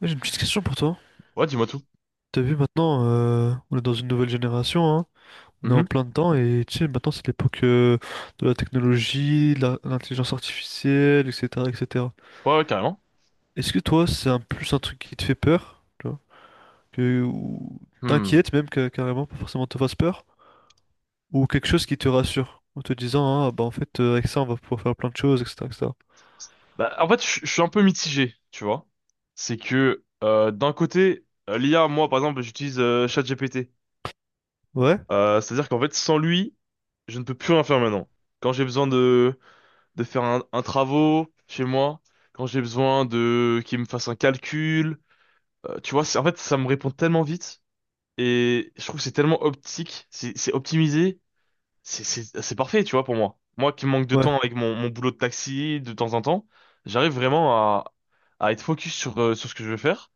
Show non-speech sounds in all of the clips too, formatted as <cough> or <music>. Moi, j'ai une petite question pour toi. Ouais, dis-moi tout. T'as vu maintenant, on est dans une nouvelle génération, hein, on est en Mhm. plein dedans et tu sais, maintenant c'est l'époque de la technologie, l'intelligence artificielle, etc., etc. Ouais, ouais, carrément. Est-ce que toi, c'est un truc qui te fait peur, tu vois, que, ou Hmm. t'inquiète carrément, pas forcément te fasse peur, ou quelque chose qui te rassure, en te disant, ah bah en fait, avec ça, on va pouvoir faire plein de choses, etc., etc. Bah, en fait, je suis un peu mitigé, tu vois. C'est que d'un côté, l'IA, moi, par exemple, j'utilise ChatGPT. Ouais? C'est-à-dire qu'en fait, sans lui, je ne peux plus rien faire maintenant. Quand j'ai besoin de faire un travaux chez moi, quand j'ai besoin de qu'il me fasse un calcul, tu vois, en fait, ça me répond tellement vite et je trouve que c'est tellement optique, c'est optimisé. C'est parfait, tu vois, pour moi. Moi qui manque de Ouais. temps avec mon boulot de taxi de temps en temps, j'arrive vraiment à être focus sur ce que je veux faire.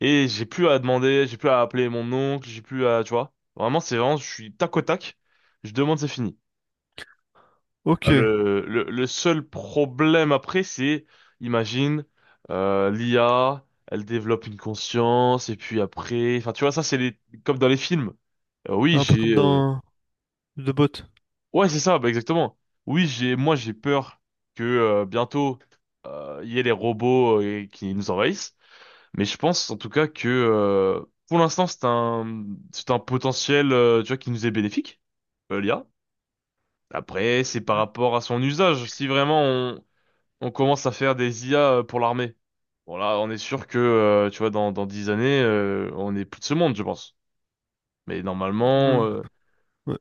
Et j'ai plus à demander, j'ai plus à appeler mon oncle, j'ai plus à, tu vois. Vraiment, c'est vraiment, je suis tac au tac. Je demande, c'est fini. Ok. Ah, le seul problème après, c'est, imagine, l'IA, elle développe une conscience, et puis après, enfin, tu vois, ça, c'est les, comme dans les films. Oui, Un peu comme j'ai, dans The Bot. ouais, c'est ça, bah exactement. Oui, j'ai, moi, j'ai peur que bientôt il y ait les robots et qui nous envahissent. Mais je pense en tout cas que pour l'instant, c'est un potentiel, tu vois, qui nous est bénéfique, l'IA. Après, c'est par Mhm. rapport à son usage. Si vraiment on commence à faire des IA pour l'armée, bon là, on est sûr que, tu vois, dans 10 années, on n'est plus de ce monde, je pense. Mais Ouais, ouais,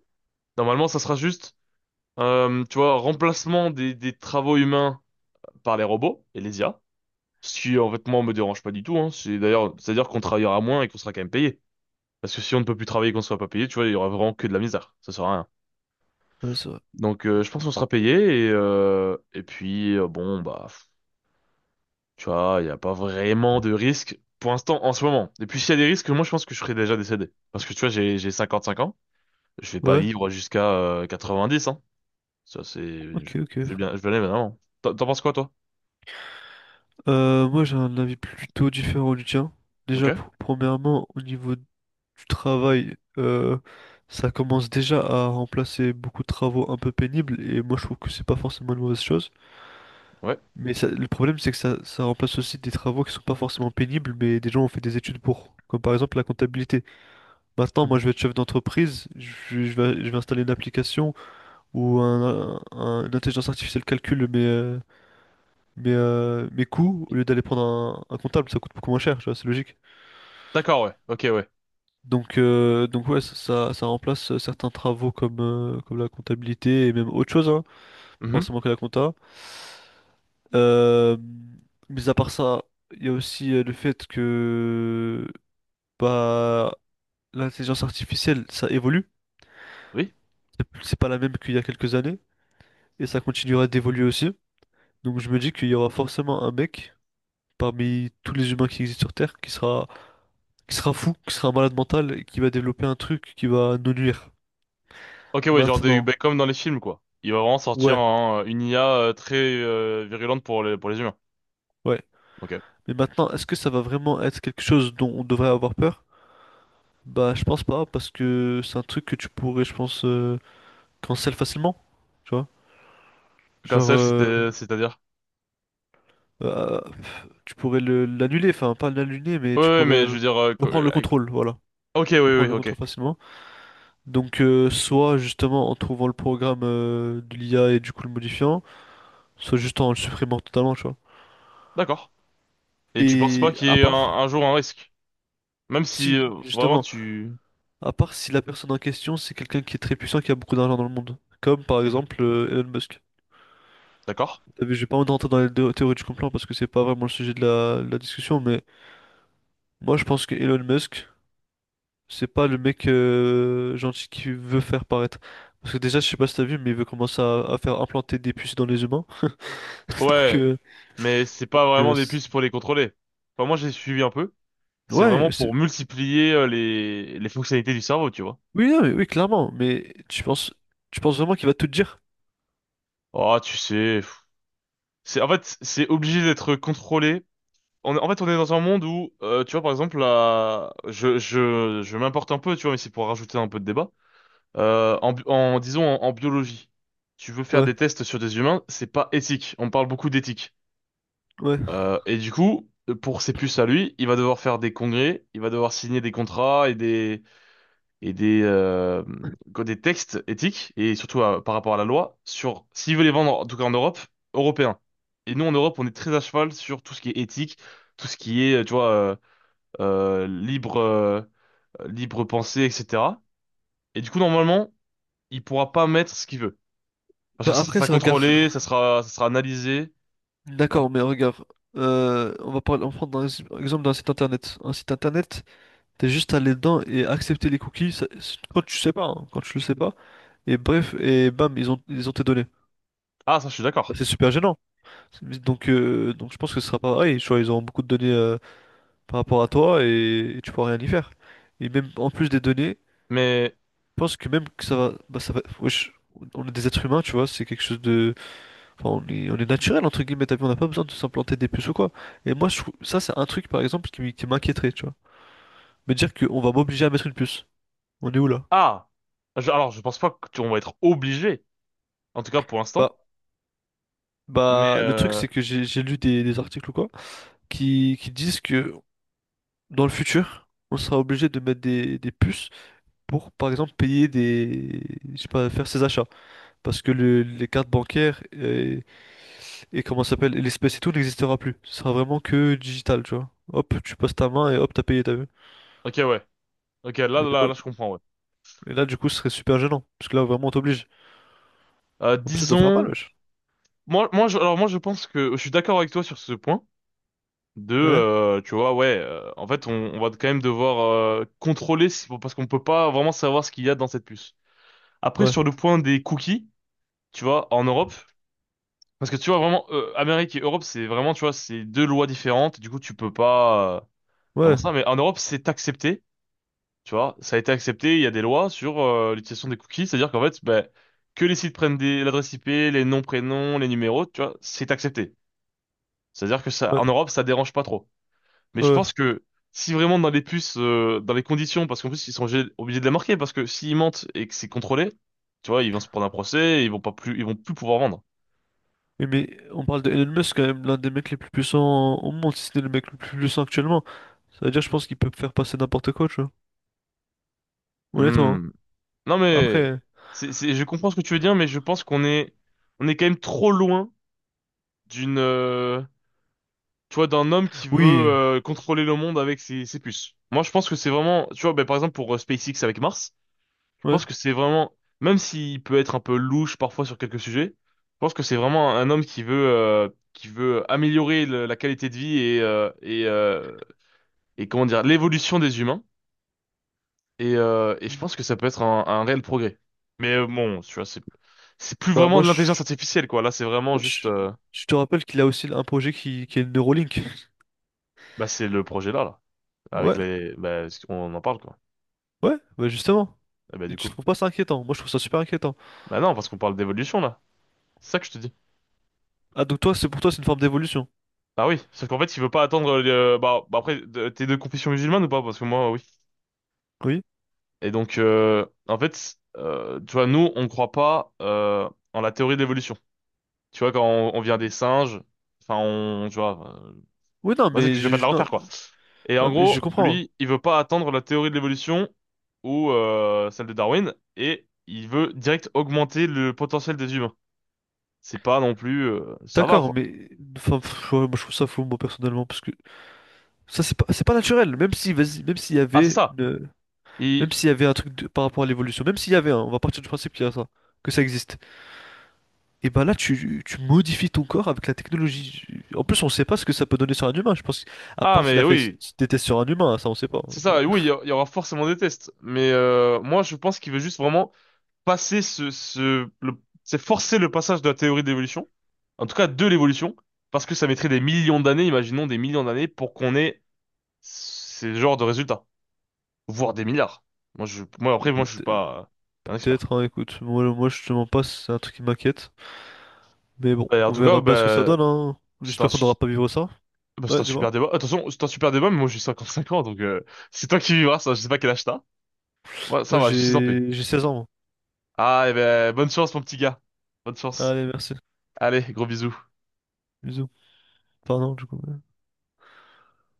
normalement, ça sera juste. Tu vois, remplacement des travaux humains par les robots et les IA. Ce qui, en fait, moi, me dérange pas du tout, hein. C'est d'ailleurs, c'est-à-dire qu'on travaillera moins et qu'on sera quand même payé. Parce que si on ne peut plus travailler et qu'on ne sera pas payé, tu vois, il y aura vraiment que de la misère. Ça sert à rien. ouais, c'est vrai. Donc, je pense qu'on sera payé et puis, bon, bah, pff, tu vois, il n'y a pas vraiment de risque pour l'instant, en ce moment. Et puis, s'il y a des risques, moi, je pense que je serai déjà décédé. Parce que, tu vois, j'ai 55 ans. Je vais pas Ouais. vivre jusqu'à, 90, hein. Ça, c'est, Ok, je, je vais ok. bien, je vais aller, évidemment. T'en penses quoi, toi? Moi, j'ai un avis plutôt différent du tien. Ok. Déjà, premièrement, au niveau du travail, ça commence déjà à remplacer beaucoup de travaux un peu pénibles, et moi, je trouve que c'est pas forcément une mauvaise chose. Ouais. Mais le problème, c'est que ça remplace aussi des travaux qui sont pas forcément pénibles, mais des gens ont fait des études pour, comme par exemple la comptabilité. Maintenant, moi, Mhm. je vais être chef d'entreprise, je vais installer une application où une intelligence artificielle calcule mes, mes coûts, au Et- lieu d'aller prendre un comptable, ça coûte beaucoup moins cher, tu vois, c'est logique. D'accord, ouais. Ok, ouais. Donc, ouais, ça remplace certains travaux comme, comme la comptabilité et même autre chose, hein, Mhm. forcément que la compta. Euh, mais à part ça, il y a aussi le fait que bah, l'intelligence artificielle, ça évolue. Oui. C'est pas la même qu'il y a quelques années et ça continuera d'évoluer aussi. Donc je me dis qu'il y aura forcément un mec parmi tous les humains qui existent sur Terre qui sera fou, qui sera un malade mental et qui va développer un truc qui va nous nuire. Ok, ouais, genre des, Maintenant, ben, comme dans les films, quoi. Il va vraiment sortir ouais, une IA très virulente pour pour les humains. ouais. Ok. Mais maintenant, est-ce que ça va vraiment être quelque chose dont on devrait avoir peur? Bah, je pense pas, parce que c'est un truc que tu pourrais, je pense, cancel facilement. Tu vois? Genre, Cancel, c'était, c'est-à-dire? Tu pourrais l'annuler, enfin, pas l'annuler, mais Ouais, tu ouais, pourrais mais je veux dire, reprendre le contrôle, voilà. ok, oui, Reprendre oui, le ok. contrôle facilement. Donc, soit justement en trouvant le programme de l'IA et du coup le modifiant, soit juste en le supprimant totalement, tu vois. D'accord. Et tu penses pas Et qu'il y à ait part, un jour un risque? Même si si, vraiment justement, tu. à part si la personne en question, c'est quelqu'un qui est très puissant, qui a beaucoup d'argent dans le monde. Comme par Mhm. exemple Elon Musk. D'accord. T'as vu, j'ai pas envie de rentrer dans les théories du complot parce que c'est pas vraiment le sujet de la discussion, mais moi je pense que Elon Musk, c'est pas le mec gentil qui veut faire paraître. Parce que déjà, je sais pas si t'as vu, mais il veut commencer à faire implanter des puces dans les humains. <laughs> Donc, Ouais, mais c'est pas donc euh, vraiment des c'est- puces pour les contrôler. Enfin, moi, j'ai suivi un peu. C'est ouais, vraiment pour multiplier les fonctionnalités du cerveau, tu vois. oui, non, mais oui, clairement, mais tu penses vraiment qu'il va tout te dire? Oh, tu sais. C'est en fait, c'est obligé d'être contrôlé. On, est- en fait, on est dans un monde où, tu vois, par exemple, là, je m'importe un peu, tu vois, mais c'est pour rajouter un peu de débat. En, bi- en disons en biologie, tu veux faire Ouais, des tests sur des humains, c'est pas éthique. On parle beaucoup d'éthique. ouais. Et du coup, pour ses puces à lui, il va devoir faire des congrès, il va devoir signer des contrats et des, euh, quoi, des textes éthiques, et surtout par rapport à la loi, sur s'ils veulent les vendre, en tout cas en Europe, européens. Et nous, en Europe, on est très à cheval sur tout ce qui est éthique, tout ce qui est, tu vois, euh, libre, euh, libre pensée, etc. Et du coup, normalement, il pourra pas mettre ce qu'il veut. Parce que Bah ça après, sera c'est un gars. contrôlé, ça sera analysé. Tu vois. D'accord, mais regarde, on va parler, on va prendre un exemple d'un site internet. Un site internet, t'es juste allé dedans et accepter les cookies quand tu sais pas, hein, quand tu le sais pas. Et bref, et bam, ils ont tes données. Ah, ça, je suis Bah, d'accord. c'est super gênant. Donc je pense que ce sera pas pareil. Tu vois, ils auront beaucoup de données par rapport à toi et tu pourras rien y faire. Et même en plus des données, Mais, je pense que même que ça va, bah, ça va, wesh, on est des êtres humains, tu vois, c'est quelque chose. Enfin, on est naturel, entre guillemets, t'as vu, on n'a pas besoin de s'implanter des puces ou quoi. Et moi, je trouve, ça, c'est un truc, par exemple, qui m'inquiéterait, tu vois. Me dire qu'on va m'obliger à mettre une puce. On est où là? ah, alors, je pense pas qu'on va être obligé, en tout cas pour Bah, l'instant. Mais, bah, le truc, c'est que j'ai lu des articles ou quoi, qui disent que dans le futur, on sera obligé de mettre des puces pour, par exemple, payer des, je sais pas, faire ses achats. Parce que les cartes bancaires et comment ça s'appelle, et l'espèce et tout n'existera plus. Ce sera vraiment que digital, tu vois. Hop, tu passes ta main et hop, t'as payé, t'as vu. ok, ouais. Ok, là, Et là, moi- là, je comprends, ouais. Et là, du coup, ce serait super gênant. Parce que là, vraiment, on t'oblige. En plus, ça doit faire mal, Disons, wesh. Alors moi, je pense que je suis d'accord avec toi sur ce point. De, Ouais, tu vois, ouais, en fait, on va quand même devoir contrôler parce qu'on peut pas vraiment savoir ce qu'il y a dans cette puce. Après, ouais, sur le point des cookies, tu vois, en Europe, parce que tu vois vraiment, Amérique et Europe, c'est vraiment, tu vois, c'est deux lois différentes. Du coup, tu peux pas vraiment ouais, ça. Mais en Europe, c'est accepté, tu vois, ça a été accepté. Il y a des lois sur l'utilisation des cookies, c'est-à-dire qu'en fait, ben, que les sites prennent l'adresse IP, les noms, prénoms, les numéros, tu vois, c'est accepté. C'est-à-dire que ça, ouais, en Europe, ça dérange pas trop. Mais je ouais. pense que si vraiment dans les puces, dans les conditions, parce qu'en plus ils sont obligés de les marquer, parce que s'ils mentent et que c'est contrôlé, tu vois, ils vont se prendre un procès, et ils vont plus pouvoir vendre. Oui, mais on parle de Elon Musk, quand même, l'un des mecs les plus puissants au monde, si c'est le mec le plus puissant actuellement. Ça veut dire, je pense qu'il peut faire passer n'importe quoi, tu vois. Honnêtement, hein. Hmm. Non mais, Après, c'est, je comprends ce que tu veux dire, mais je pense qu'on est quand même trop loin d'une, euh, tu vois, d'un homme qui veut oui, contrôler le monde avec ses puces. Moi, je pense que c'est vraiment, tu vois, ben, par exemple pour SpaceX avec Mars. Je ouais. pense que c'est vraiment, même s'il peut être un peu louche parfois sur quelques sujets, je pense que c'est vraiment un homme qui veut améliorer la qualité de vie et comment dire, l'évolution des humains. Et je pense que ça peut être un réel progrès. Mais bon, tu vois, c'est, plus Bah, vraiment de l'intelligence artificielle, quoi. Là, c'est vraiment juste, je, je te rappelle qu'il a aussi un projet qui est le Neuralink. bah, c'est le projet là, là, avec Ouais, les, bah, on en parle, quoi. ouais, bah, justement. Et bah, Et du tu coup, trouves pas ça inquiétant? Moi, je trouve ça super inquiétant. bah non, parce qu'on parle d'évolution là. C'est ça que je te dis. Ah, donc toi, c'est une forme d'évolution. Ah oui, sauf qu'en fait, il veut pas attendre. Bah après, t'es de confession musulmane ou pas? Parce que moi, oui. Oui? Et donc, en fait, tu vois, nous, on croit pas en la théorie de l'évolution. Tu vois, quand on vient des singes, enfin, on, tu vois, Oui, vas-y, que je vais pas te la non, refaire, quoi. Et en non, mais je gros, comprends. lui, il veut pas attendre la théorie de l'évolution ou celle de Darwin, et il veut direct augmenter le potentiel des humains. C'est pas non plus, ça va, D'accord, quoi. mais enfin, pff, ouais, moi je trouve ça fou moi personnellement parce que ça c'est pas naturel. Même si vas-y, Ah, c'est ça. Même Il. s'il y avait un par rapport à l'évolution, même s'il y avait un, on va partir du principe qu'il y a ça, que ça existe. Et ben là tu modifies ton corps avec la technologie. En plus on sait pas ce que ça peut donner sur un humain. Je pense à Ah, part s'il mais a fait oui. des tests sur un humain, ça on sait pas, hein, C'est mais... ça, et oui, il y aura forcément des tests. Mais moi, je pense qu'il veut juste vraiment passer c'est forcer le passage de la théorie de l'évolution, en tout cas de l'évolution, parce que ça mettrait des millions d'années, imaginons des millions d'années, pour qu'on ait ces genres de résultats, voire des milliards. Moi, moi après, <laughs> moi, je suis peut- pas un expert. Peut-être, hein, écoute, moi je te mens pas, c'est un truc qui m'inquiète. Mais bon, Et en on tout cas, verra bien ce que ça bah, donne, hein. c'est un, J'espère qu'on su- n'aura pas à vivre ça. bah, c'est un Ouais, super dis-moi. débat. Attention, c'est un super débat, mais moi, j'ai 55 ans, donc <laughs> c'est toi qui vivras ça. Je sais pas quel âge t'as. Ouais, ça Moi va, je suis en paix. J'ai 16 ans. Ah, et ben, bonne chance, mon petit gars. Bonne chance. Allez, merci. Allez, gros bisous. Bisous. Pardon, du coup.